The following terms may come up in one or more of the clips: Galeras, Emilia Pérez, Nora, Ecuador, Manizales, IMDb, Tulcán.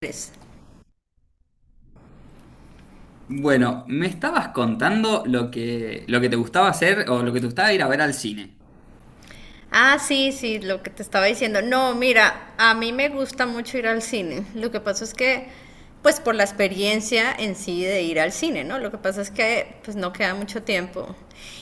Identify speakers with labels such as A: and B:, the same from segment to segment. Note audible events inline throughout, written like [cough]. A: Pues,
B: Bueno, me estabas contando lo que te gustaba hacer o lo que te gustaba ir a ver al cine.
A: Sí, sí, lo que te estaba diciendo. No, mira, a mí me gusta mucho ir al cine. Lo que pasa es que, pues por la experiencia en sí de ir al cine, ¿no? Lo que pasa es que, pues no queda mucho tiempo.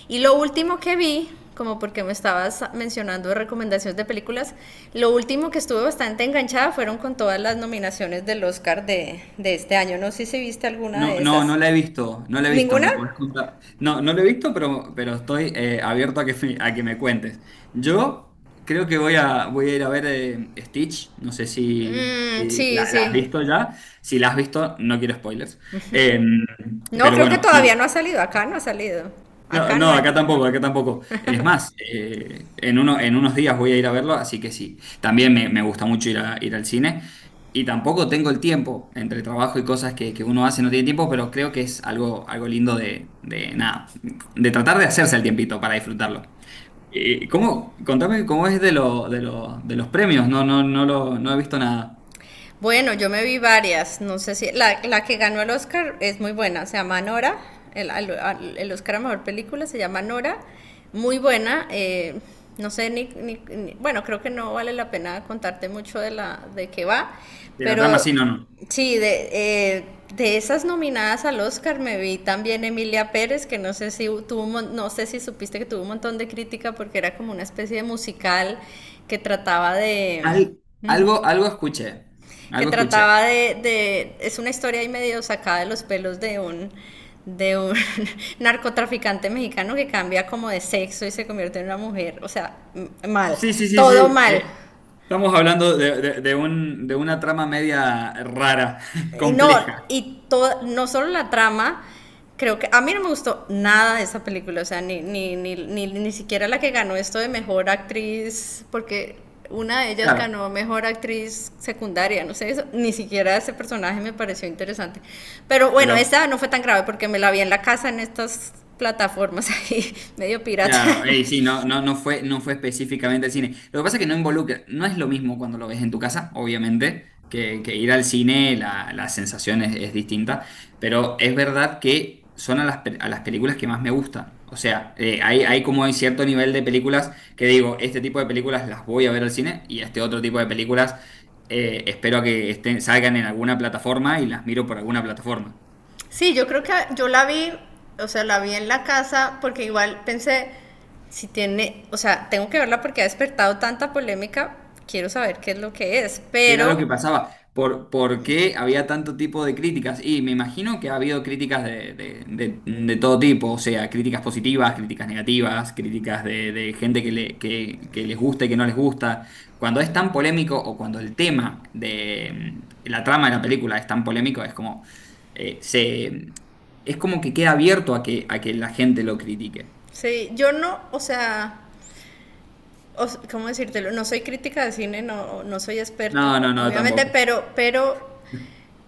A: Y lo último que vi, como porque me estabas mencionando recomendaciones de películas, lo último que estuve bastante enganchada fueron con todas las nominaciones del Oscar de este año. No sé si viste alguna
B: No,
A: de
B: no, no
A: esas.
B: la he visto, no la he visto,
A: ¿Ninguna?
B: me puedes contar. No, no la he visto, pero estoy abierto a a que me cuentes. Yo creo que voy a ir a ver Stitch, no sé si,
A: Mm,
B: si
A: sí,
B: la has
A: sí.
B: visto ya. Si la has visto, no quiero spoilers. Eh,
A: No,
B: pero
A: creo que
B: bueno, no.
A: todavía no ha salido. Acá no ha salido. Acá no
B: No,
A: ha.
B: Acá tampoco, acá tampoco. Es más, en unos días voy a ir a verlo, así que sí. También me gusta mucho ir al cine. Y tampoco tengo el tiempo, entre trabajo y cosas que uno hace, no tiene tiempo, pero creo que es algo, algo lindo de nada, de tratar de hacerse el tiempito para disfrutarlo. ¿Cómo? Contame cómo es de los premios. No he visto nada.
A: Bueno, yo me vi varias, no sé si la que ganó el Oscar es muy buena, se llama Nora, el Oscar a Mejor Película se llama Nora, muy buena, no sé, bueno, creo que no vale la pena contarte mucho de qué va,
B: De la trama,
A: pero
B: sí, no, no.
A: sí, eh, de esas nominadas al Oscar me vi también Emilia Pérez, que no sé si tuvo, no sé si supiste que tuvo un montón de crítica porque era como una especie de musical que trataba de
B: Al- Algo, algo escuché.
A: que
B: Algo escuché.
A: trataba de, es una historia ahí medio sacada de los pelos de un [laughs] narcotraficante mexicano que cambia como de sexo y se convierte en una mujer, o sea, mal,
B: Sí, sí, sí,
A: todo
B: sí.
A: mal.
B: Estamos hablando de una trama media rara, [laughs]
A: Y no,
B: compleja,
A: y todo, no solo la trama, creo que a mí no me gustó nada de esa película, o sea, ni siquiera la que ganó esto de mejor actriz, porque una de ellas
B: claro,
A: ganó mejor actriz secundaria, no sé, eso, ni siquiera ese personaje me pareció interesante. Pero bueno,
B: pero
A: esta no fue tan grave porque me la vi en la casa en estas plataformas [laughs] ahí, medio pirata.
B: claro, ey, sí, no, no fue, no fue específicamente el cine. Lo que pasa es que no involucra, no es lo mismo cuando lo ves en tu casa, obviamente, que ir al cine, la sensación es distinta, pero es verdad que son a las películas que más me gustan. O sea, hay como hay cierto nivel de películas que digo, este tipo de películas las voy a ver al cine y este otro tipo de películas espero a que salgan en alguna plataforma y las miro por alguna plataforma.
A: Sí, yo creo que yo la vi, o sea, la vi en la casa porque igual pensé, si tiene, o sea, tengo que verla porque ha despertado tanta polémica, quiero saber qué es lo que es,
B: Y era lo
A: pero
B: que pasaba. Por qué había tanto tipo de críticas? Y me imagino que ha habido críticas de todo tipo, o sea, críticas positivas, críticas negativas, críticas de gente que les gusta y que no les gusta. Cuando es tan polémico o cuando el tema de la trama de la película es tan polémico, eh, se, es como que queda abierto a que la gente lo critique.
A: sí, yo no, o sea, ¿cómo decírtelo? No soy crítica de cine, no, no soy experta,
B: No, no, no,
A: obviamente,
B: tampoco.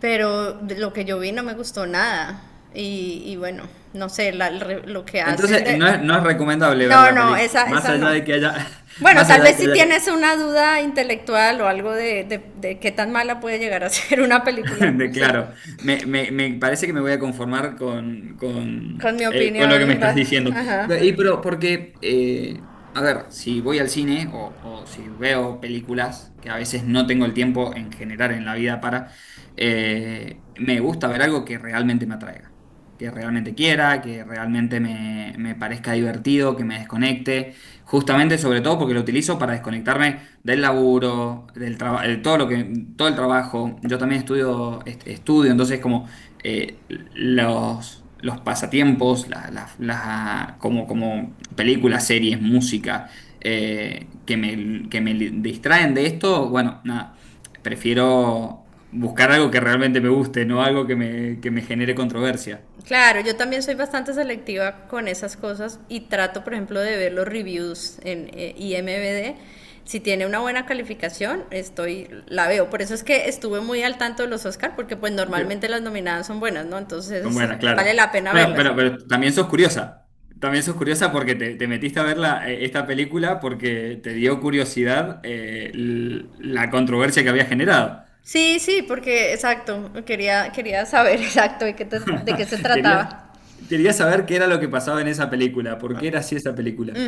A: pero de lo que yo vi no me gustó nada. Y bueno, no sé, lo que hacen
B: Entonces,
A: de...
B: no es recomendable ver
A: No,
B: la
A: no,
B: película,
A: esa,
B: más
A: esa
B: allá de
A: no.
B: que haya... [laughs]
A: Bueno,
B: Más
A: tal
B: allá
A: vez
B: de que
A: si
B: haya
A: tienes una duda intelectual o algo de qué tan mala puede llegar a [laughs] ser una
B: [laughs]
A: película,
B: de,
A: pues
B: claro,
A: sí,
B: me parece que me voy a conformar
A: con mi
B: con lo que me
A: opinión,
B: estás
A: va-
B: diciendo.
A: ajá.
B: Y pero porque, a ver, si voy al cine o si veo películas, que a veces no tengo el tiempo en general en la vida para, me gusta ver algo que realmente me atraiga, que realmente quiera, que realmente me parezca divertido, que me desconecte. Justamente, sobre todo porque lo utilizo para desconectarme del laburo, del trabajo, todo el trabajo. Yo también estudio, entonces como los pasatiempos, como películas, series, música, distraen de esto, bueno, nada, prefiero buscar algo que realmente me guste, no algo que que me genere controversia.
A: Claro, yo también soy bastante selectiva con esas cosas y trato, por ejemplo, de ver los reviews en IMDb. Si tiene una buena calificación, estoy, la veo. Por eso es que estuve muy al tanto de los Oscar, porque pues
B: Pero
A: normalmente las nominadas son buenas, ¿no?
B: son
A: Entonces
B: buenas,
A: vale
B: claro.
A: la pena
B: Bueno,
A: verlas.
B: pero también sos curiosa. También sos curiosa porque te metiste a ver esta película porque te dio curiosidad la controversia que había generado.
A: Sí, sí, porque exacto, quería, quería saber [laughs] exacto de qué, de qué se
B: Querías,
A: trataba.
B: querías saber qué era lo que pasaba en esa película, por qué era así esa película.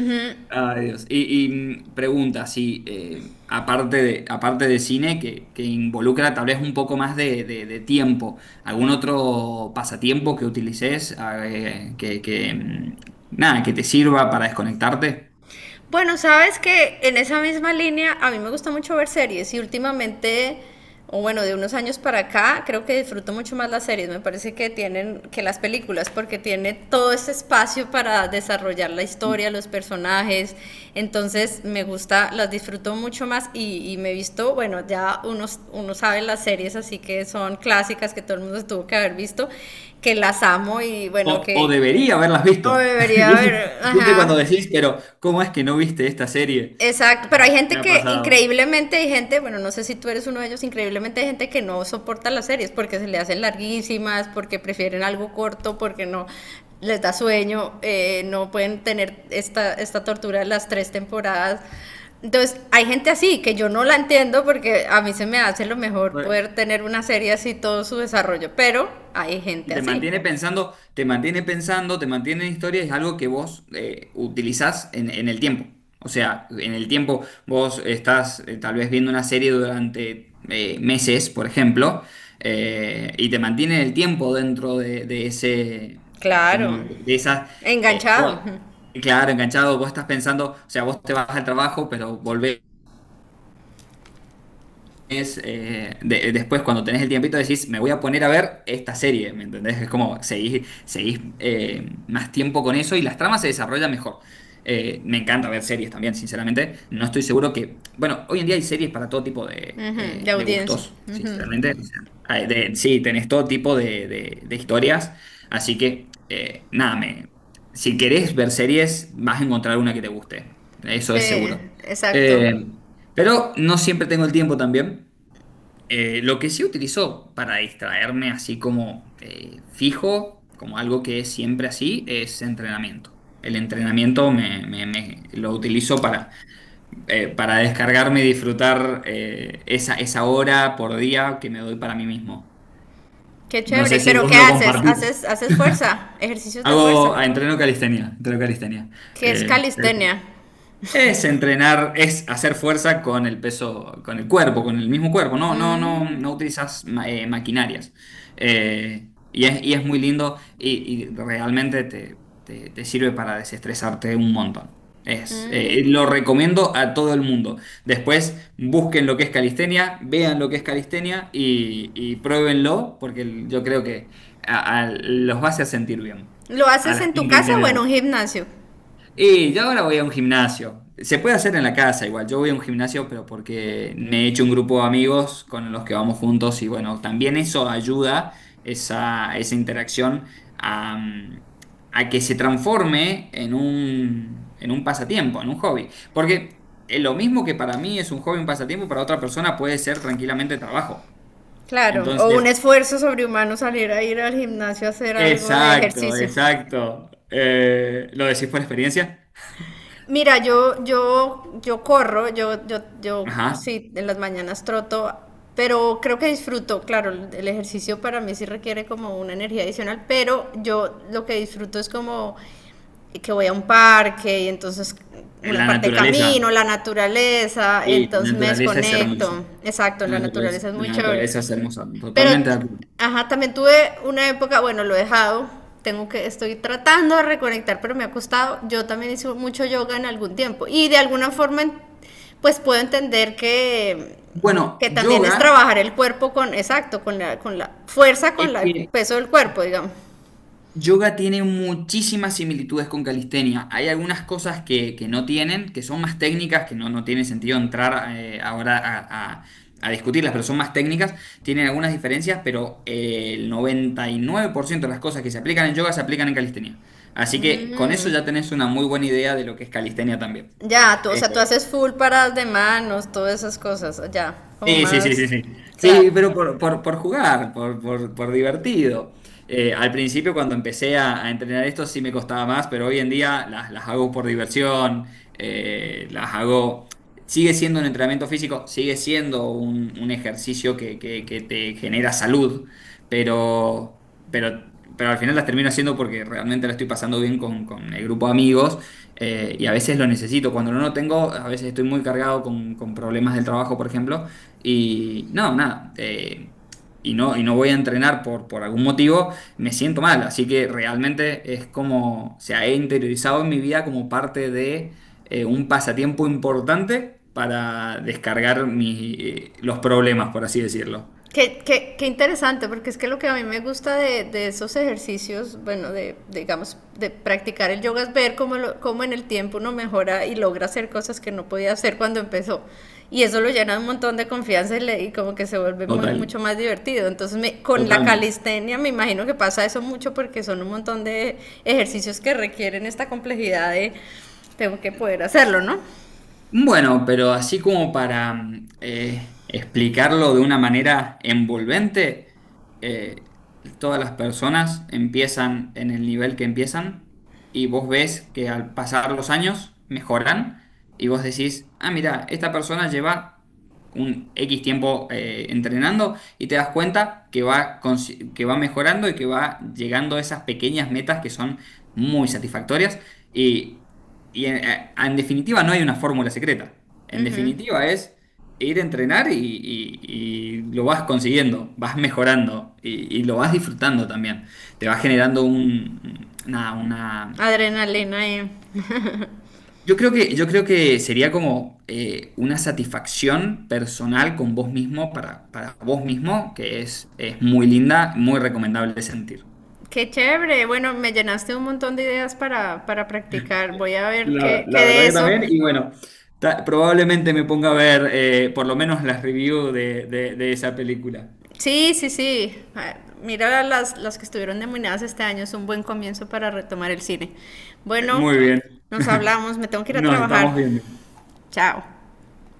B: Ay, Dios. Pregunta, si aparte de cine, que involucra tal vez un poco más de tiempo, ¿algún otro pasatiempo que utilices ah, que, mm, nada, que te sirva para desconectarte?
A: Bueno, sabes que en esa misma línea a mí me gusta mucho ver series y últimamente, o bueno, de unos años para acá, creo que disfruto mucho más las series. Me parece que tienen que las películas porque tiene todo este espacio para desarrollar la historia, los personajes. Entonces me gusta, las disfruto mucho más y me he visto, bueno, ya uno, uno sabe las series, así que son clásicas que todo el mundo tuvo que haber visto, que las amo y bueno,
B: O
A: que
B: debería haberlas
A: oh,
B: visto. [laughs]
A: debería
B: ¿Viste
A: haber,
B: viste cuando
A: ajá.
B: decís, pero ¿cómo es que no viste esta serie?
A: Exacto, pero
B: Ah,
A: hay gente
B: me ha
A: que,
B: pasado.
A: increíblemente hay gente, bueno, no sé si tú eres uno de ellos, increíblemente hay gente que no soporta las series porque se le hacen larguísimas, porque prefieren algo corto, porque no les da sueño, no pueden tener esta tortura de las tres temporadas. Entonces, hay gente así que yo no la entiendo porque a mí se me hace lo mejor poder tener una serie así todo su desarrollo, pero hay
B: Y
A: gente
B: te
A: así.
B: mantiene pensando, te mantiene pensando, te mantiene en historia, es algo que vos utilizás en el tiempo. O sea, en el tiempo vos estás tal vez viendo una serie durante meses, por ejemplo, y te mantiene el tiempo dentro de ese,
A: Claro,
B: como de esas, eh,
A: enganchado,
B: vos- claro, enganchado, vos estás pensando, o sea, vos te vas al trabajo, pero volvés después cuando tenés el tiempito decís, me voy a poner a ver esta serie, ¿me entendés? Es como seguís, seguís más tiempo con eso y las tramas se desarrollan mejor. Me encanta ver series también, sinceramente. No estoy seguro que, bueno, hoy en día hay series para todo tipo
A: ujú, de
B: de
A: audiencia.
B: gustos, sinceramente. O sea, sí, tenés todo tipo de historias, así que nada, me, si querés ver series, vas a encontrar una que te guste, eso
A: Sí,
B: es seguro.
A: exacto.
B: Eh, pero no siempre tengo el tiempo también. Lo que sí utilizo para distraerme así como fijo, como algo que es siempre así, es entrenamiento. El entrenamiento me, me- me- Lo utilizo para descargarme y disfrutar esa hora por día que me doy para mí mismo.
A: Qué
B: No sé
A: chévere.
B: si
A: ¿Pero qué
B: vos lo
A: haces?
B: compartís.
A: ¿Haces, haces fuerza? Ejercicios de fuerza.
B: Entreno calistenia, entreno calistenia.
A: ¿Qué es
B: Eh,
A: calistenia?
B: Es entrenar, es hacer fuerza con el peso, con el cuerpo, con el mismo cuerpo.
A: Mm,
B: No utilizas maquinarias. Y es muy lindo y te sirve para desestresarte un montón. Lo
A: mm.
B: recomiendo a todo el mundo. Después busquen lo que es calistenia, vean lo que es calistenia y pruébenlo, porque yo creo que los va a hacer sentir bien.
A: ¿Lo
B: A
A: haces
B: la
A: en tu
B: gente en
A: casa o en
B: general.
A: un gimnasio?
B: Y yo ahora voy a un gimnasio. Se puede hacer en la casa igual. Yo voy a un gimnasio, pero porque me he hecho un grupo de amigos con los que vamos juntos y bueno, también eso ayuda, esa interacción, a, mm, a que se transforme en un pasatiempo, en un hobby. Porque lo mismo que para mí es un hobby, un pasatiempo, para otra persona puede ser tranquilamente trabajo.
A: Claro. O un
B: Entonces,
A: esfuerzo sobrehumano salir a ir al gimnasio a hacer algo de
B: exacto,
A: ejercicio.
B: exacto. ¿Lo decís por experiencia?
A: Mira, yo corro, yo
B: Ajá.
A: sí, en las mañanas troto, pero creo que disfruto, claro, el ejercicio para mí sí requiere como una energía adicional, pero yo lo que disfruto es como que voy a un parque y entonces una
B: La
A: parte de
B: naturaleza.
A: camino, la naturaleza,
B: Sí,
A: entonces
B: la
A: me
B: naturaleza es hermosa.
A: desconecto, exacto, la naturaleza es muy
B: La
A: chévere.
B: naturaleza es hermosa.
A: Pero,
B: Totalmente de acuerdo.
A: ajá, también tuve una época, bueno, lo he dejado, tengo que, estoy tratando de reconectar, pero me ha costado. Yo también hice mucho yoga en algún tiempo y de alguna forma, en- pues puedo entender
B: Bueno,
A: que también es
B: yoga
A: trabajar el cuerpo con, exacto, con la fuerza,
B: es
A: con el
B: que
A: peso del cuerpo, digamos.
B: yoga tiene muchísimas similitudes con calistenia. Hay algunas cosas que no tienen, que son más técnicas, que no, no tiene sentido entrar a discutirlas, pero son más técnicas. Tienen algunas diferencias, pero el 99% de las cosas que se aplican en yoga se aplican en calistenia. Así que con eso
A: Mm,
B: ya tenés una muy buena idea de lo que es calistenia también.
A: ya, tú, o
B: Eh,
A: sea, tú haces full paradas de manos, todas esas cosas, ya, como
B: Sí, sí, sí,
A: más,
B: sí, sí.
A: claro.
B: Sí, pero por jugar, por divertido. Al principio, cuando empecé a entrenar esto, sí me costaba más, pero hoy en día las hago por diversión, las hago... Sigue siendo un entrenamiento físico, sigue siendo un ejercicio que te genera salud, pero, pero, pero al final las termino haciendo porque realmente la estoy pasando bien con el grupo de amigos. Y a veces lo necesito. Cuando no lo tengo, a veces estoy muy cargado con problemas del trabajo, por ejemplo. Y no, nada. Y no voy a entrenar por algún motivo, me siento mal. Así que realmente es como, o sea, he interiorizado en mi vida como parte de un pasatiempo importante para descargar los problemas, por así decirlo.
A: Qué interesante, porque es que lo que a mí me gusta de esos ejercicios, bueno, digamos, de practicar el yoga es ver cómo, lo, cómo en el tiempo uno mejora y logra hacer cosas que no podía hacer cuando empezó. Y eso lo llena de un montón de confianza y, le, y como que se vuelve muy,
B: Total,
A: mucho más divertido. Entonces, me, con la
B: totalmente.
A: calistenia me imagino que pasa eso mucho porque son un montón de ejercicios que requieren esta complejidad de tengo que poder hacerlo, ¿no?
B: Bueno, pero así como para explicarlo de una manera envolvente, eh, todas las personas empiezan en el nivel que empiezan y vos ves que al pasar los años mejoran y vos decís, ah, mira, esta persona lleva un X tiempo entrenando y te das cuenta que que va mejorando y que va llegando a esas pequeñas metas que son muy satisfactorias en definitiva no hay una fórmula secreta. En definitiva es ir a entrenar y lo vas consiguiendo, vas mejorando y lo vas disfrutando también. Te va generando un, nada, una...
A: Adrenalina y...
B: Yo creo que sería como una satisfacción personal con vos mismo, para vos mismo, que es muy linda, muy recomendable de sentir.
A: Qué chévere. Bueno, me llenaste un montón de ideas para practicar. Voy a ver qué, qué
B: La verdad
A: de
B: que
A: eso.
B: también, y bueno, probablemente me ponga a ver por lo menos las reviews de esa película.
A: Sí, sí, sí. Ah, mira las que estuvieron nominadas este año. Es un buen comienzo para retomar el cine. Bueno,
B: Muy bien,
A: nos hablamos. Me tengo que ir a
B: nos
A: trabajar.
B: estamos viendo.
A: Chao.